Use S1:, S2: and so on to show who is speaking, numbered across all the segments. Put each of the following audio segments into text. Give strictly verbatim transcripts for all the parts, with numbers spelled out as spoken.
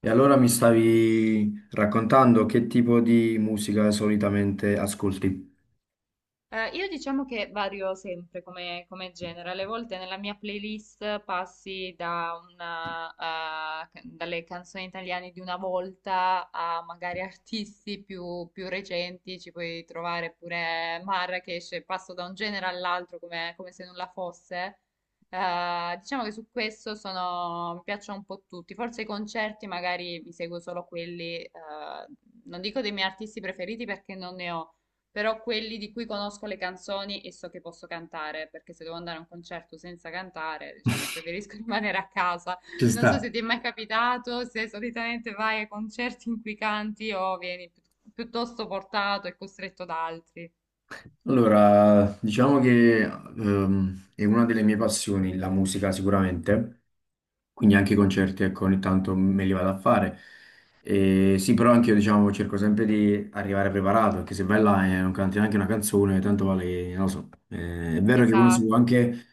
S1: E allora mi stavi raccontando che tipo di musica solitamente ascolti?
S2: Eh, io diciamo che vario sempre come, come genere, alle volte nella mia playlist passi da una, eh, ca- dalle canzoni italiane di una volta a magari artisti più, più recenti, ci puoi trovare pure Marrakesh, passo da un genere all'altro come, come se nulla fosse. Eh, diciamo che su questo sono, mi piacciono un po' tutti, forse i concerti magari mi seguo solo quelli, eh, non dico dei miei artisti preferiti perché non ne ho, però quelli di cui conosco le canzoni e so che posso cantare, perché se devo andare a un concerto senza cantare, diciamo, preferisco rimanere a casa.
S1: Ci
S2: Non
S1: sta.
S2: so se ti è mai capitato, se solitamente vai a concerti in cui canti o vieni pi- piuttosto portato e costretto da altri.
S1: Allora, diciamo che ehm, è una delle mie passioni, la musica sicuramente, quindi anche i concerti, ecco, ogni tanto me li vado a fare. E sì, però anche io, diciamo, cerco sempre di arrivare preparato, perché se vai là e non canti neanche una canzone, tanto vale, che- non lo so. Eh, è vero che uno si può
S2: Esatto.
S1: anche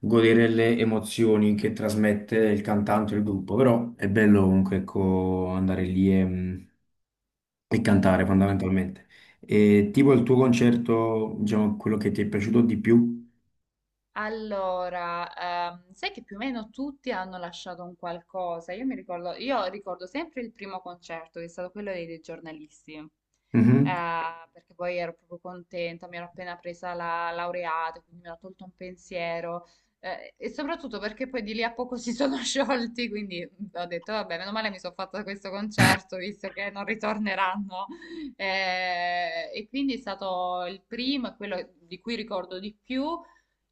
S1: godere le emozioni che trasmette il cantante o il gruppo, però è bello comunque, ecco, andare lì e... mm, e cantare fondamentalmente. E tipo il tuo concerto, diciamo, quello che ti è piaciuto di più?
S2: Allora, ehm, sai che più o meno tutti hanno lasciato un qualcosa. Io mi ricordo, io ricordo sempre il primo concerto, che è stato quello dei, dei giornalisti.
S1: Mhm.
S2: Eh, perché poi ero proprio contenta, mi ero appena presa la laureata, quindi mi ero tolto un pensiero, eh, e soprattutto perché poi di lì a poco si sono sciolti, quindi ho detto, vabbè, meno male mi sono fatta questo concerto, visto che non ritorneranno. Eh, e quindi è stato il primo, e quello di cui ricordo di più.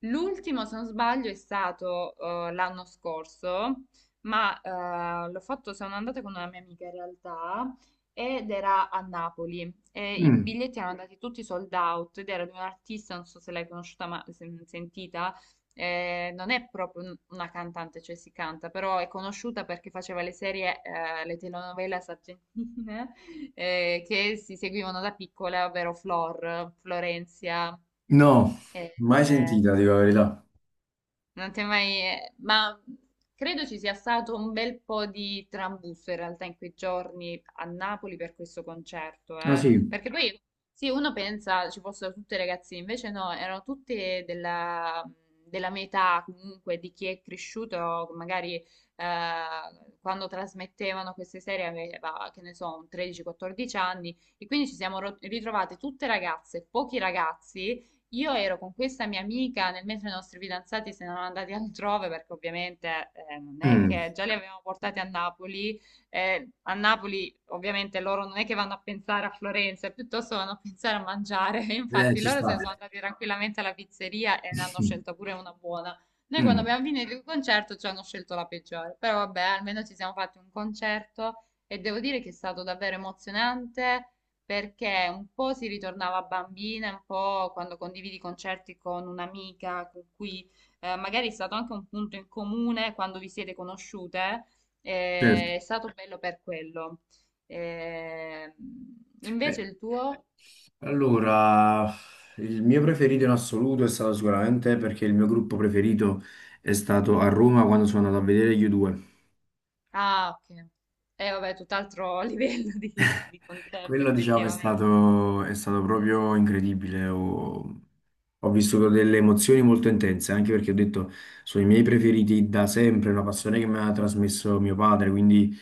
S2: L'ultimo, se non sbaglio, è stato eh, l'anno scorso, ma eh, l'ho fatto, sono andata con una mia amica in realtà, ed era a Napoli. E i
S1: Mm.
S2: biglietti erano andati tutti sold out ed era di un'artista, non so se l'hai conosciuta, ma se- sentita. Eh, non è proprio un- una cantante, cioè si canta, però è conosciuta perché faceva le serie, eh, le telenovelas argentine eh, che si seguivano da piccola, ovvero Flor, Florencia.
S1: No,
S2: eh,
S1: mai
S2: eh,
S1: sentita, dico la verità.
S2: Non ti è mai... eh, Ma credo ci sia stato un bel po' di trambusto in realtà in quei giorni a Napoli per questo concerto,
S1: Ah,
S2: eh.
S1: sì.
S2: Perché poi, sì, uno pensa ci fossero tutte ragazzine, invece no, erano tutte della, della mia età comunque, di chi è cresciuto magari eh, quando trasmettevano queste serie, aveva, che ne so, un tredici quattordici anni, e quindi ci siamo ro- ritrovate tutte ragazze, pochi ragazzi. Io ero con questa mia amica nel mentre i nostri fidanzati se ne erano andati altrove, perché ovviamente eh, non è
S1: Mm.
S2: che già li avevamo portati a Napoli, eh, a Napoli ovviamente loro non è che vanno a pensare a Florenza, piuttosto vanno a pensare a mangiare,
S1: Eh,
S2: infatti
S1: ci
S2: loro se ne
S1: sta.
S2: sono andati tranquillamente alla pizzeria e ne hanno scelta pure una buona. Noi quando
S1: Mm.
S2: abbiamo finito il concerto ci hanno scelto la peggiore, però vabbè, almeno ci siamo fatti un concerto e devo dire che è stato davvero emozionante, perché un po' si ritornava bambina, un po' quando condividi concerti con un'amica con cui eh, magari è stato anche un punto in comune quando vi siete conosciute,
S1: Certo.
S2: eh, è stato bello per quello. Eh,
S1: Eh,
S2: Invece il tuo...
S1: allora, il mio preferito in assoluto è stato sicuramente perché il mio gruppo preferito è stato a Roma quando sono andato a vedere gli U due.
S2: Ah, ok. Eh, vabbè, tutt'altro livello di, di concerto
S1: Quello, diciamo, è
S2: effettivamente.
S1: stato, è stato proprio incredibile. Ho, ho vissuto delle emozioni molto intense, anche perché ho detto, sono i miei preferiti da sempre, una passione che mi ha trasmesso mio padre, quindi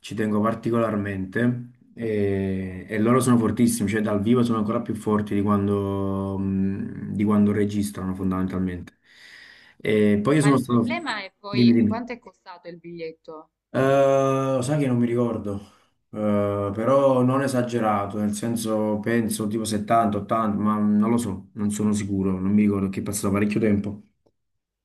S1: ci tengo particolarmente. E, e loro sono fortissimi, cioè dal vivo sono ancora più forti di quando, mh, di quando registrano, fondamentalmente. E poi io
S2: Ma
S1: sono
S2: il
S1: stato...
S2: problema è
S1: Dimmi,
S2: poi
S1: dimmi.
S2: quanto è costato il biglietto?
S1: Eh, sai che non mi ricordo. Eh, però non esagerato, nel senso penso tipo settanta, ottanta, ma non lo so, non sono sicuro, non mi ricordo, che è passato parecchio tempo.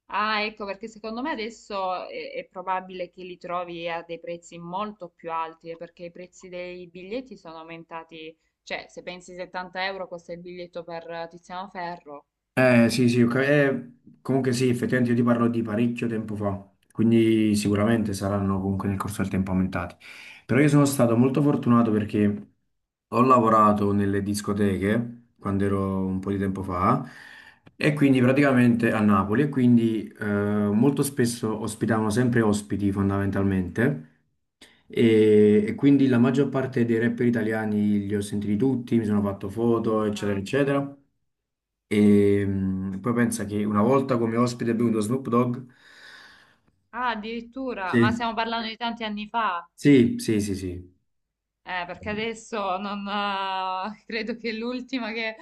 S2: Ah, ecco, perché secondo me adesso è, è probabile che li trovi a dei prezzi molto più alti, eh, perché i prezzi dei biglietti sono aumentati, cioè se pensi settanta euro costa il biglietto per eh, Tiziano Ferro.
S1: Eh sì, sì, ok. Eh, comunque sì, effettivamente io ti parlo di parecchio tempo fa, quindi sicuramente saranno comunque nel corso del tempo aumentati. Però io sono stato molto fortunato perché ho lavorato nelle discoteche quando ero un po' di tempo fa e quindi praticamente a Napoli e quindi eh, molto spesso ospitavano sempre ospiti fondamentalmente. E, e quindi la maggior parte dei rapper italiani li ho sentiti tutti, mi sono fatto foto, eccetera,
S2: Ah,
S1: eccetera. E mm, poi pensa che una volta come ospite è venuto Snoop Dogg.
S2: ah, addirittura, ma stiamo
S1: Sì.
S2: parlando, sì, di tanti anni fa.
S1: Sì, sì, sì, sì.
S2: Eh, perché adesso non, eh, credo che l'ultima che,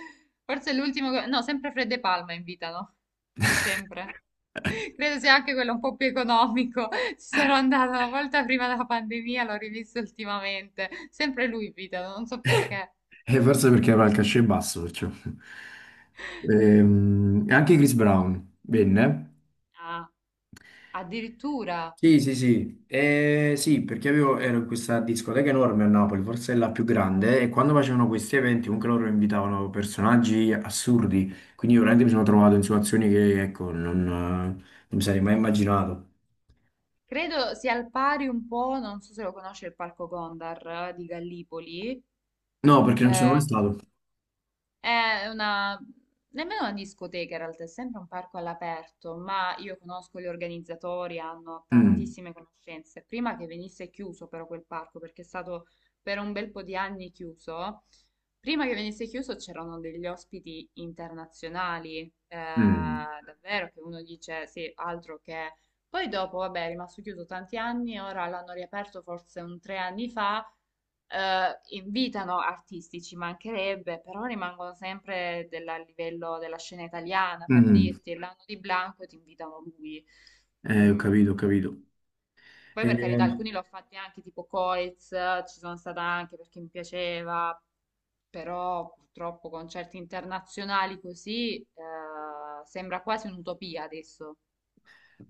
S2: forse l'ultimo, che- no, sempre Fred De Palma invitano, sempre. Credo sia anche quello un po' più economico. Ci sarò andata una volta prima della pandemia, l'ho rivisto ultimamente. Sempre lui invitano, non so perché.
S1: E forse perché aveva il cachet basso, perciò. Ehm, E anche Chris Brown venne.
S2: Ah, addirittura.
S1: Sì, sì, sì. Eh, sì, perché avevo, ero in questa discoteca enorme a Napoli, forse è la più grande, e quando facevano questi eventi comunque loro invitavano personaggi assurdi, quindi io veramente mi sono trovato in situazioni che, ecco, non, eh, non mi sarei mai immaginato.
S2: Credo sia al pari un po', non so se lo conosce il Parco Gondar eh, di Gallipoli.
S1: No, perché non ci sono mai stato.
S2: Ehm, È una, nemmeno una discoteca in realtà, è sempre un parco all'aperto, ma io conosco gli organizzatori, hanno
S1: Mm,
S2: tantissime conoscenze. Prima che venisse chiuso però quel parco, perché è stato per un bel po' di anni chiuso, prima che venisse chiuso c'erano degli ospiti internazionali, eh,
S1: mm,
S2: davvero, che uno dice sì, altro che... Poi dopo, vabbè, è rimasto chiuso tanti anni, ora l'hanno riaperto forse un tre anni fa, eh, invitano artisti, ci mancherebbe, però rimangono sempre della- a livello della scena italiana,
S1: mm,
S2: per
S1: mm.
S2: dirti, l'anno di Blanco ti invitano lui.
S1: Eh, ho
S2: Mm.
S1: capito, ho capito.
S2: Poi
S1: Eh,
S2: per carità, alcuni l'ho fatti anche tipo Coiz, ci sono stata anche perché mi piaceva, però purtroppo concerti internazionali così eh, sembra quasi un'utopia adesso.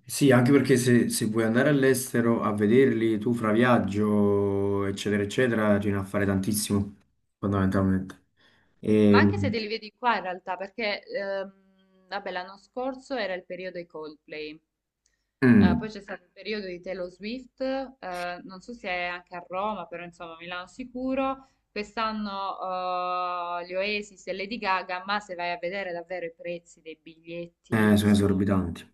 S1: sì, anche perché se, se vuoi andare all'estero a vederli tu fra viaggio, eccetera, eccetera, ce ne a fare tantissimo, fondamentalmente.
S2: Ma
S1: E,
S2: anche se te li vedi qua in realtà, perché ehm, vabbè, l'anno scorso era il periodo dei Coldplay. Eh, poi
S1: mm,
S2: c'è stato il periodo di Taylor Swift, eh, non so se è anche a Roma, però insomma a Milano sicuro. Quest'anno eh, gli Oasis e Lady Gaga, ma se vai a vedere davvero i prezzi dei
S1: eh,
S2: biglietti
S1: Sono
S2: sono
S1: esorbitanti.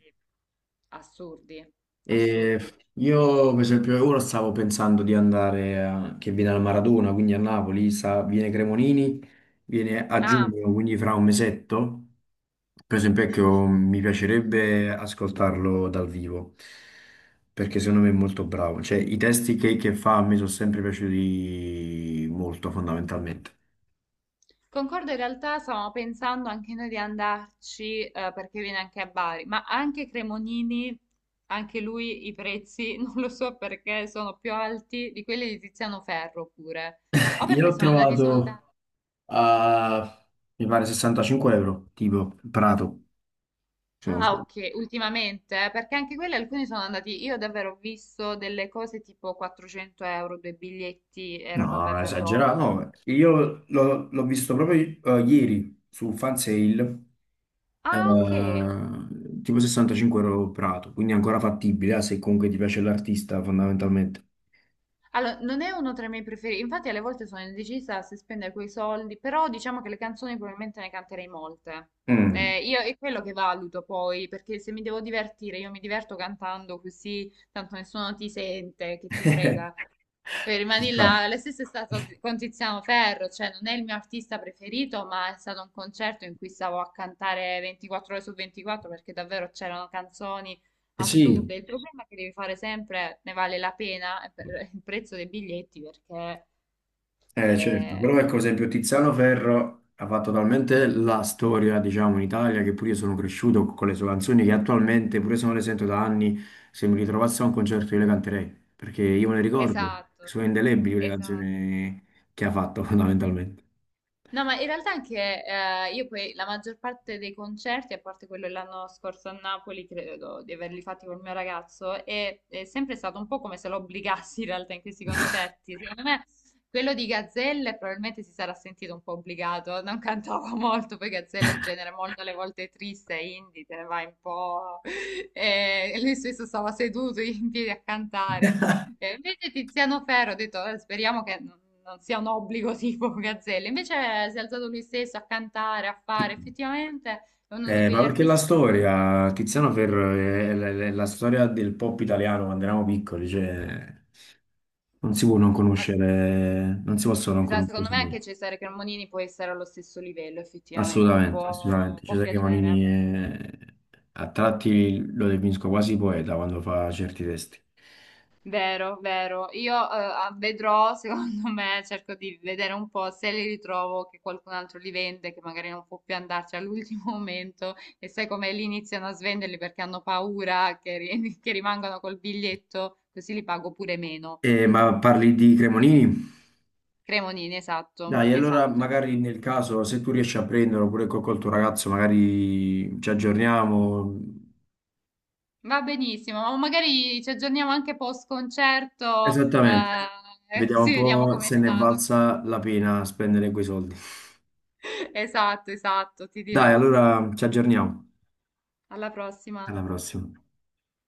S2: assurdi,
S1: E
S2: assurdi.
S1: io, per esempio, ora stavo pensando di andare a- che viene al Maradona, quindi a Napoli, sa- viene Cremonini, viene a
S2: Ah,
S1: giugno, quindi fra un mesetto. Per esempio, ecco, mi piacerebbe ascoltarlo dal vivo, perché secondo me è molto bravo. Cioè, i testi che, che fa mi sono sempre piaciuti molto, fondamentalmente.
S2: concordo, in realtà stavamo pensando anche noi di andarci, eh, perché viene anche a Bari, ma anche Cremonini, anche lui i prezzi, non lo so perché, sono più alti di quelli di Tiziano Ferro pure. O
S1: Io
S2: perché
S1: l'ho
S2: sono andati
S1: trovato
S2: soldati.
S1: a, mi pare, sessantacinque euro, tipo Prato, se non
S2: Ah,
S1: sbaglio.
S2: ok, ultimamente, eh, perché anche quelli alcuni sono andati, io davvero ho visto delle cose tipo quattrocento euro, due biglietti, era vabbè
S1: No,
S2: per
S1: esagerato.
S2: Roma.
S1: No, io l'ho l'ho visto proprio eh, ieri su Fansale,
S2: Ah, ok.
S1: eh, tipo sessantacinque euro Prato, quindi è ancora fattibile, eh, se comunque ti piace l'artista, fondamentalmente.
S2: Allora, non è uno tra i miei preferiti, infatti alle volte sono indecisa se spendere quei soldi, però diciamo che le canzoni probabilmente ne canterei molte.
S1: Mm.
S2: Eh, io è quello che valuto poi, perché se mi devo divertire, io mi diverto cantando così, tanto nessuno ti sente, che ti frega. Poi
S1: Ci
S2: rimani
S1: sta.
S2: là, la stessa è stato con Tiziano Ferro, cioè non è il mio artista preferito, ma è stato un concerto in cui stavo a cantare ventiquattro ore su ventiquattro perché davvero c'erano canzoni.
S1: Eh sì.
S2: Assurdo, il problema è che devi fare sempre, ne vale la pena eh, per il prezzo dei biglietti perché
S1: Eh, certo,
S2: eh,
S1: però ecco, per esempio Tiziano Ferro ha fatto talmente la storia, diciamo, in Italia che pure io sono cresciuto con le sue canzoni che attualmente, pure se non le sento da anni, se mi ritrovassi a un concerto io le canterei, perché io me le ricordo,
S2: esatto,
S1: sono indelebili le
S2: esatto.
S1: canzoni che ha fatto fondamentalmente.
S2: No, ma in realtà anche eh, io poi la maggior parte dei concerti, a parte quello dell'anno scorso a Napoli, credo di averli fatti col mio ragazzo, è, è sempre stato un po' come se lo obbligassi in realtà in questi concerti. Secondo me quello di Gazzelle probabilmente si sarà sentito un po' obbligato, non cantava molto, poi Gazzelle è un genere molto alle volte triste, indie, te ne vai un po'. E lui stesso stava seduto in piedi a cantare. E invece Tiziano Ferro, ho detto, "Eh, speriamo che non non sia un obbligo tipo Gazzelle". Invece eh, si è alzato lui stesso a cantare, a fare. Effettivamente è uno di
S1: Eh, ma
S2: quegli
S1: perché la
S2: artisti che... prende.
S1: storia, Tiziano Ferro è, è- è la storia del pop italiano quando eravamo piccoli, cioè... Non si può non
S2: Ma,
S1: conoscere, non si possono non
S2: esatto,
S1: conoscere
S2: secondo me
S1: Samuel.
S2: anche Cesare Cremonini può essere allo stesso livello, effettivamente.
S1: Assolutamente,
S2: Può,
S1: assolutamente.
S2: può
S1: Cesare Cremonini
S2: piacere.
S1: è- a tratti lo definisco quasi poeta quando fa certi testi.
S2: Vero, vero. Io eh, ah, vedrò, secondo me, cerco di vedere un po' se li ritrovo, che qualcun altro li vende, che magari non può più andarci all'ultimo momento, e sai come lì iniziano a svenderli perché hanno paura che, ri- che rimangano col biglietto, così li pago pure meno.
S1: Eh, ma parli di Cremonini?
S2: Cremonini, esatto,
S1: Dai, allora
S2: esatto.
S1: magari nel caso, se tu riesci a prenderlo oppure col, col tuo ragazzo, magari ci aggiorniamo.
S2: Va benissimo, ma magari ci aggiorniamo anche post concerto,
S1: Esattamente.
S2: eh,
S1: Vediamo un
S2: così vediamo
S1: po'
S2: com'è
S1: se ne è
S2: stato.
S1: valsa la pena spendere quei soldi.
S2: Esatto, esatto, ti
S1: Dai,
S2: dirò.
S1: allora ci aggiorniamo.
S2: Alla prossima.
S1: Alla prossima.